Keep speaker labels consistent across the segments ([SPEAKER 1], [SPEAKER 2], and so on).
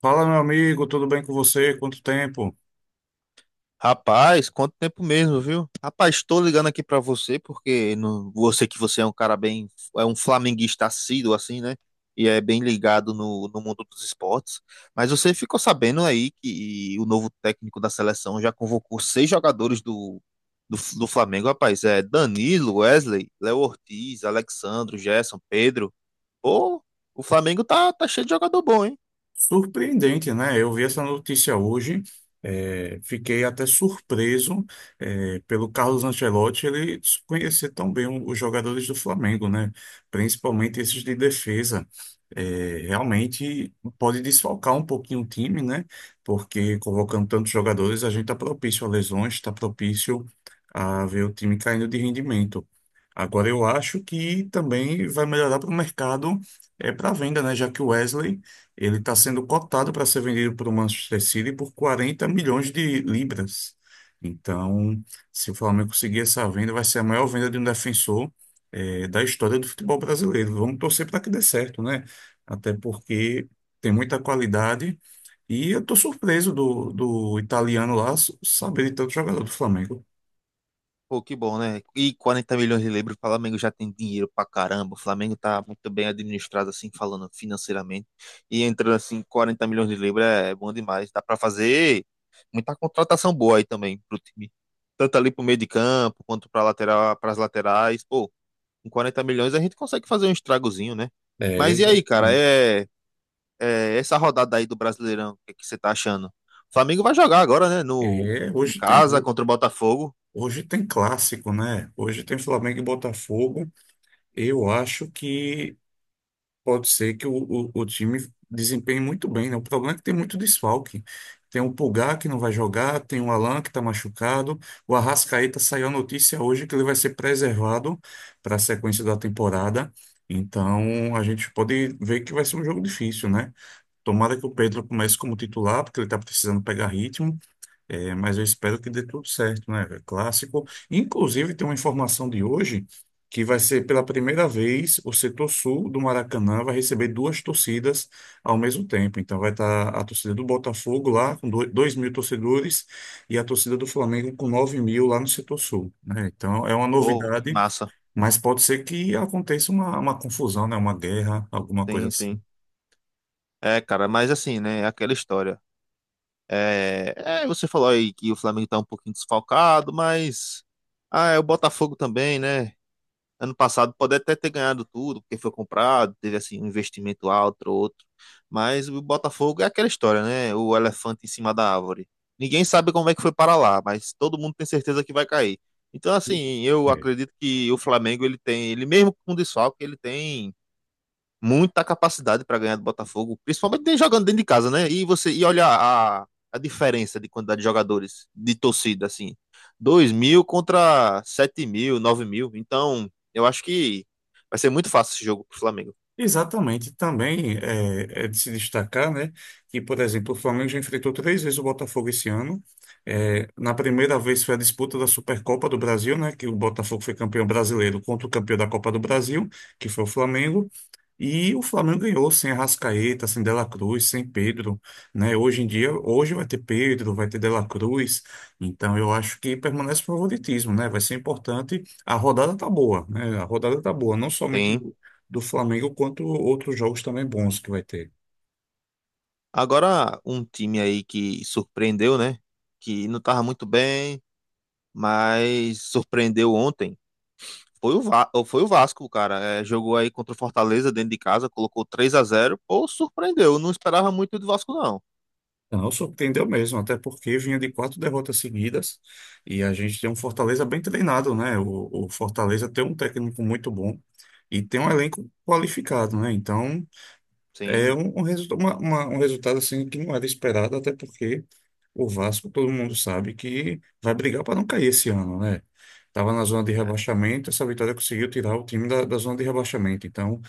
[SPEAKER 1] Fala, meu amigo, tudo bem com você? Quanto tempo?
[SPEAKER 2] Rapaz, quanto tempo mesmo, viu? Rapaz, estou ligando aqui pra você porque você que você é um cara bem, é um flamenguista assíduo assim, né? E é bem ligado no mundo dos esportes. Mas você ficou sabendo aí que o novo técnico da seleção já convocou seis jogadores do Flamengo, rapaz. É Danilo, Wesley, Léo Ortiz, Alexandro, Gerson, Pedro. Pô, o Flamengo tá cheio de jogador bom, hein?
[SPEAKER 1] Surpreendente, né? Eu vi essa notícia hoje, fiquei até surpreso, pelo Carlos Ancelotti ele conhecer tão bem os jogadores do Flamengo, né? Principalmente esses de defesa. Realmente pode desfalcar um pouquinho o time, né? Porque convocando tantos jogadores, a gente está propício a lesões, está propício a ver o time caindo de rendimento. Agora eu acho que também vai melhorar para o mercado, é para venda, né? Já que o Wesley. Ele está sendo cotado para ser vendido para o Manchester City por 40 milhões de libras. Então, se o Flamengo conseguir essa venda, vai ser a maior venda de um defensor, da história do futebol brasileiro. Vamos torcer para que dê certo, né? Até porque tem muita qualidade. E eu estou surpreso do italiano lá saber de tanto jogador do Flamengo.
[SPEAKER 2] Pô, que bom, né? E 40 milhões de libras, o Flamengo já tem dinheiro pra caramba. O Flamengo tá muito bem administrado, assim, falando financeiramente. E entrando, assim, 40 milhões de libras é bom demais. Dá pra fazer muita contratação boa aí também pro time. Tanto ali pro meio de campo, quanto pra lateral, pras laterais. Pô, com 40 milhões a gente consegue fazer um estragozinho, né?
[SPEAKER 1] É,
[SPEAKER 2] Mas e aí, cara?
[SPEAKER 1] exatamente.
[SPEAKER 2] Essa rodada aí do Brasileirão, o que é que você tá achando? O Flamengo vai jogar agora, né? No,
[SPEAKER 1] é,
[SPEAKER 2] Em
[SPEAKER 1] hoje tem,
[SPEAKER 2] casa, contra o Botafogo.
[SPEAKER 1] Hoje tem clássico, né? Hoje tem Flamengo e Botafogo. Eu acho que pode ser que o time desempenhe muito bem, né? O problema é que tem muito desfalque. Tem o Pulgar que não vai jogar, tem o Alan que está machucado. O Arrascaeta saiu a notícia hoje que ele vai ser preservado para a sequência da temporada. Então a gente pode ver que vai ser um jogo difícil, né? Tomara que o Pedro comece como titular, porque ele está precisando pegar ritmo. É, mas eu espero que dê tudo certo, né, velho? Clássico. Inclusive, tem uma informação de hoje que vai ser pela primeira vez o setor sul do Maracanã vai receber duas torcidas ao mesmo tempo. Então, vai estar a torcida do Botafogo lá com 2 mil torcedores e a torcida do Flamengo com 9 mil lá no setor sul, né? Então, é uma
[SPEAKER 2] Pô, que
[SPEAKER 1] novidade,
[SPEAKER 2] massa.
[SPEAKER 1] mas pode ser que aconteça uma confusão, né? Uma guerra, alguma coisa
[SPEAKER 2] Sim,
[SPEAKER 1] assim.
[SPEAKER 2] sim. É, cara, mas assim, né? É aquela história. É, você falou aí que o Flamengo tá um pouquinho desfalcado, mas. Ah, é o Botafogo também, né? Ano passado pode até ter ganhado tudo, porque foi comprado, teve assim um investimento alto, outro. Mas o Botafogo é aquela história, né? O elefante em cima da árvore. Ninguém sabe como é que foi para lá, mas todo mundo tem certeza que vai cair. Então, assim, eu
[SPEAKER 1] É.
[SPEAKER 2] acredito que o Flamengo, ele tem, ele mesmo com desfalque, ele tem muita capacidade para ganhar do Botafogo, principalmente jogando dentro de casa, né? E você e olha a diferença de quantidade de jogadores, de torcida, assim, 2 mil contra 7 mil, 9 mil. Então, eu acho que vai ser muito fácil esse jogo pro Flamengo.
[SPEAKER 1] Exatamente, também é de se destacar, né, que, por exemplo, o Flamengo já enfrentou três vezes o Botafogo esse ano. É, na primeira vez foi a disputa da Supercopa do Brasil, né, que o Botafogo foi campeão brasileiro contra o campeão da Copa do Brasil, que foi o Flamengo. E o Flamengo ganhou sem Arrascaeta, sem Dela Cruz, sem Pedro, né? Hoje em dia, hoje vai ter Pedro, vai ter Dela Cruz, então eu acho que permanece o favoritismo, né? Vai ser importante. A rodada tá boa, né? A rodada tá boa, não somente
[SPEAKER 2] Tem.
[SPEAKER 1] do Flamengo, quanto outros jogos também bons que vai ter.
[SPEAKER 2] Agora, um time aí que surpreendeu, né? Que não tava muito bem, mas surpreendeu ontem. Foi foi o Vasco, cara. É, jogou aí contra o Fortaleza dentro de casa, colocou 3-0. Pô, surpreendeu. Eu não esperava muito do Vasco, não.
[SPEAKER 1] Não, surpreendeu mesmo, até porque vinha de quatro derrotas seguidas e a gente tem um Fortaleza bem treinado, né? O Fortaleza tem um técnico muito bom e tem um elenco qualificado, né? Então. É
[SPEAKER 2] Sim,
[SPEAKER 1] um, um, resulta- uma- uma- um resultado assim que não era esperado, até porque o Vasco, todo mundo sabe que vai brigar para não cair esse ano, né? Estava na zona de rebaixamento, essa vitória conseguiu tirar o time da zona de rebaixamento. Então,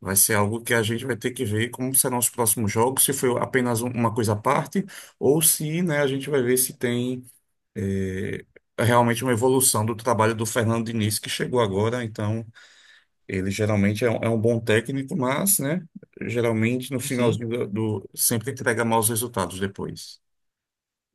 [SPEAKER 1] vai ser algo que a gente vai ter que ver como serão os próximos jogos, se foi apenas uma coisa à parte, ou se, né, a gente vai ver se tem, eh, realmente uma evolução do trabalho do Fernando Diniz, que chegou agora. Então. Ele geralmente é um bom técnico, mas, né, geralmente no
[SPEAKER 2] sim, sim.
[SPEAKER 1] finalzinho sempre entrega maus resultados depois.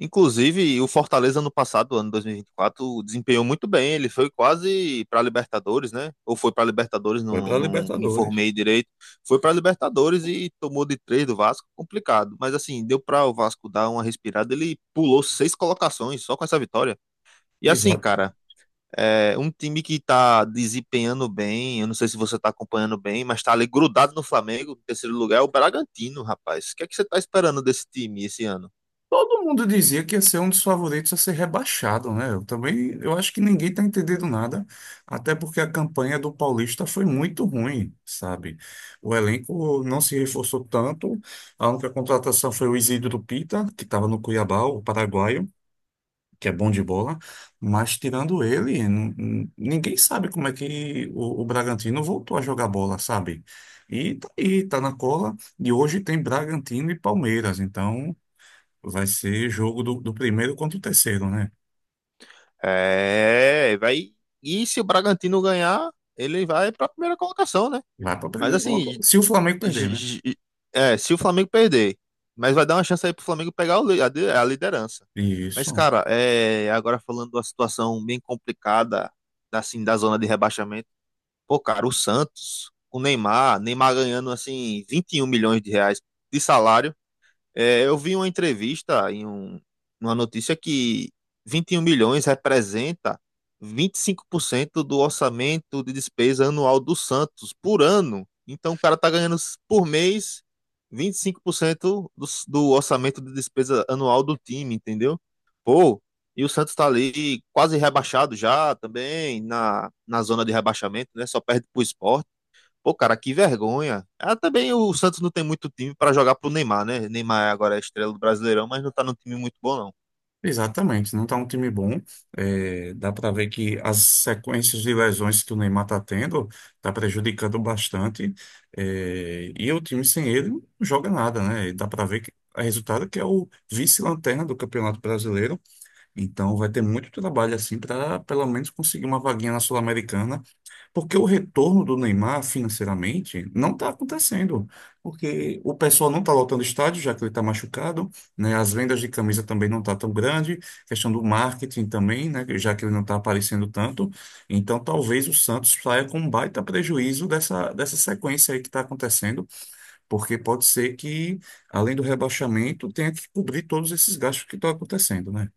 [SPEAKER 2] Inclusive, o Fortaleza no passado, ano dois mil e vinte e quatro desempenhou muito bem. Ele foi quase para Libertadores, né? Ou foi para Libertadores,
[SPEAKER 1] Foi
[SPEAKER 2] não,
[SPEAKER 1] para
[SPEAKER 2] não me
[SPEAKER 1] Libertadores.
[SPEAKER 2] informei direito. Foi para Libertadores e tomou de três do Vasco, complicado. Mas assim, deu para o Vasco dar uma respirada. Ele pulou seis colocações só com essa vitória. E assim,
[SPEAKER 1] Exato.
[SPEAKER 2] cara, é um time que tá desempenhando bem. Eu não sei se você tá acompanhando bem, mas tá ali grudado no Flamengo, em terceiro lugar, é o Bragantino, rapaz. O que é que você tá esperando desse time esse ano?
[SPEAKER 1] Todo mundo dizia que ia ser um dos favoritos a ser rebaixado, né? Eu também, eu acho que ninguém está entendendo nada, até porque a campanha do Paulista foi muito ruim, sabe? O elenco não se reforçou tanto. A única contratação foi o Isidro Pita, que estava no Cuiabá, o paraguaio. Que é bom de bola, mas tirando ele, ninguém sabe como é que o Bragantino voltou a jogar bola, sabe? E tá aí, tá na cola, e hoje tem Bragantino e Palmeiras, então vai ser jogo do primeiro contra o terceiro, né?
[SPEAKER 2] É, vai. E se o Bragantino ganhar, ele vai para a primeira colocação, né?
[SPEAKER 1] Vai para
[SPEAKER 2] Mas
[SPEAKER 1] primeiro,
[SPEAKER 2] assim,
[SPEAKER 1] se o Flamengo perder,
[SPEAKER 2] j-
[SPEAKER 1] né?
[SPEAKER 2] j- é, se o Flamengo perder, mas vai dar uma chance aí pro Flamengo pegar o li- a de- a liderança. Mas,
[SPEAKER 1] Isso.
[SPEAKER 2] cara, é, agora falando da situação bem complicada, assim, da zona de rebaixamento, pô, cara, o Santos, Neymar ganhando, assim, 21 milhões de reais de salário. É, eu vi uma notícia que 21 milhões representa 25% do orçamento de despesa anual do Santos por ano. Então o cara tá ganhando por mês 25% do orçamento de despesa anual do time, entendeu? Pô, e o Santos tá ali quase rebaixado já também na zona de rebaixamento, né? Só perde pro Sport. Pô, cara, que vergonha. Ah, também o Santos não tem muito time pra jogar pro Neymar, né? Neymar agora é estrela do Brasileirão, mas não tá num time muito bom, não.
[SPEAKER 1] Exatamente, não está um time bom. É, dá para ver que as sequências de lesões que o Neymar está tendo está prejudicando bastante. É, e o time sem ele não joga nada, né? E dá para ver que o resultado que é o vice-lanterna do Campeonato Brasileiro. Então vai ter muito trabalho assim para pelo menos conseguir uma vaguinha na Sul-Americana porque o retorno do Neymar financeiramente não está acontecendo. Porque o pessoal não está lotando estádio, já que ele está machucado, né? As vendas de camisa também não tá tão grande, questão do marketing também, né? Já que ele não está aparecendo tanto. Então talvez o Santos saia com um baita prejuízo dessa sequência aí que está acontecendo, porque pode ser que, além do rebaixamento, tenha que cobrir todos esses gastos que estão acontecendo, né?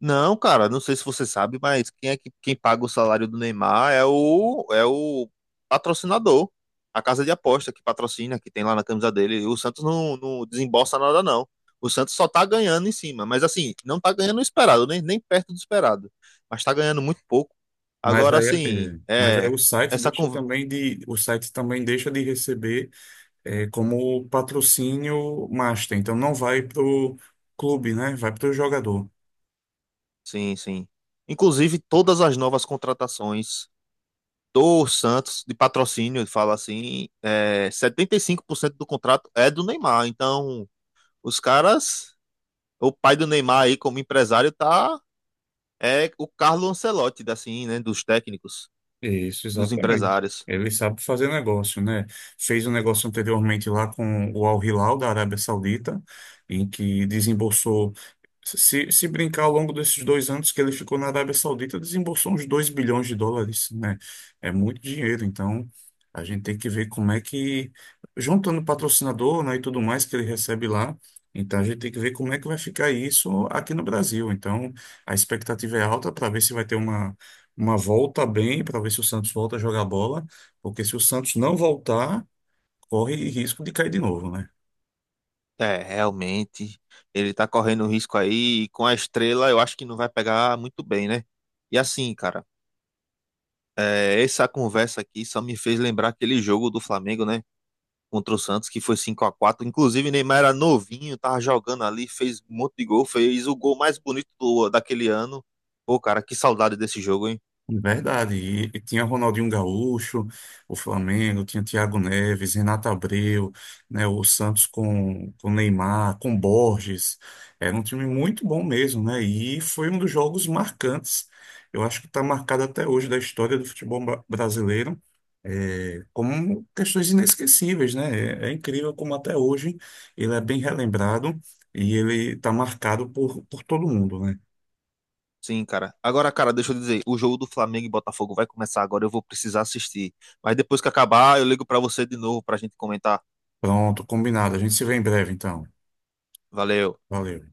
[SPEAKER 2] Não, cara, não sei se você sabe, mas quem é que quem paga o salário do Neymar é o patrocinador, a casa de aposta que patrocina, que tem lá na camisa dele. E o Santos não desembolsa nada, não. O Santos só tá ganhando em cima, mas assim, não tá ganhando o esperado, nem perto do esperado. Mas tá ganhando muito pouco.
[SPEAKER 1] Mas
[SPEAKER 2] Agora,
[SPEAKER 1] aí, é,
[SPEAKER 2] assim,
[SPEAKER 1] mas aí
[SPEAKER 2] é,
[SPEAKER 1] o site
[SPEAKER 2] essa
[SPEAKER 1] deixa
[SPEAKER 2] conversa.
[SPEAKER 1] também de, o site também deixa de receber, como patrocínio master. Então não vai para o clube, né? Vai para o jogador.
[SPEAKER 2] Sim, sim. Inclusive, todas as novas contratações do Santos, de patrocínio, fala assim, é, 75% do contrato é do Neymar. Então, os caras, o pai do Neymar aí como empresário tá, é o Carlo Ancelotti, assim, né, dos técnicos,
[SPEAKER 1] Isso,
[SPEAKER 2] dos
[SPEAKER 1] exatamente.
[SPEAKER 2] empresários.
[SPEAKER 1] Ele sabe fazer negócio, né? Fez um negócio anteriormente lá com o Al Hilal da Arábia Saudita, em que desembolsou, se brincar ao longo desses 2 anos que ele ficou na Arábia Saudita, desembolsou uns US$ 2 bilhões, né? É muito dinheiro, então a gente tem que ver como é que, juntando patrocinador, né, e tudo mais que ele recebe lá, então a gente tem que ver como é que vai ficar isso aqui no Brasil. Então a expectativa é alta para ver se vai ter uma volta bem para ver se o Santos volta a jogar bola, porque se o Santos não voltar, corre risco de cair de novo, né?
[SPEAKER 2] É, realmente, ele tá correndo risco aí, e com a estrela eu acho que não vai pegar muito bem, né? E assim, cara, é, essa conversa aqui só me fez lembrar aquele jogo do Flamengo, né? Contra o Santos, que foi 5-4. Inclusive, Neymar era novinho, tava jogando ali, fez um monte de gol, fez o gol mais bonito daquele ano. Pô, cara, que saudade desse jogo, hein?
[SPEAKER 1] Verdade. E tinha Ronaldinho Gaúcho, o Flamengo, tinha Thiago Neves, Renato Abreu, né? O Santos com Neymar, com Borges. Era um time muito bom mesmo, né? E foi um dos jogos marcantes. Eu acho que está marcado até hoje da história do futebol brasileiro como questões inesquecíveis, né? É, é incrível como até hoje ele é bem relembrado e ele está marcado por todo mundo, né?
[SPEAKER 2] Sim, cara. Agora, cara, deixa eu dizer, o jogo do Flamengo e Botafogo vai começar agora, eu vou precisar assistir. Mas depois que acabar, eu ligo pra você de novo pra gente comentar.
[SPEAKER 1] Pronto, combinado. A gente se vê em breve, então.
[SPEAKER 2] Valeu.
[SPEAKER 1] Valeu.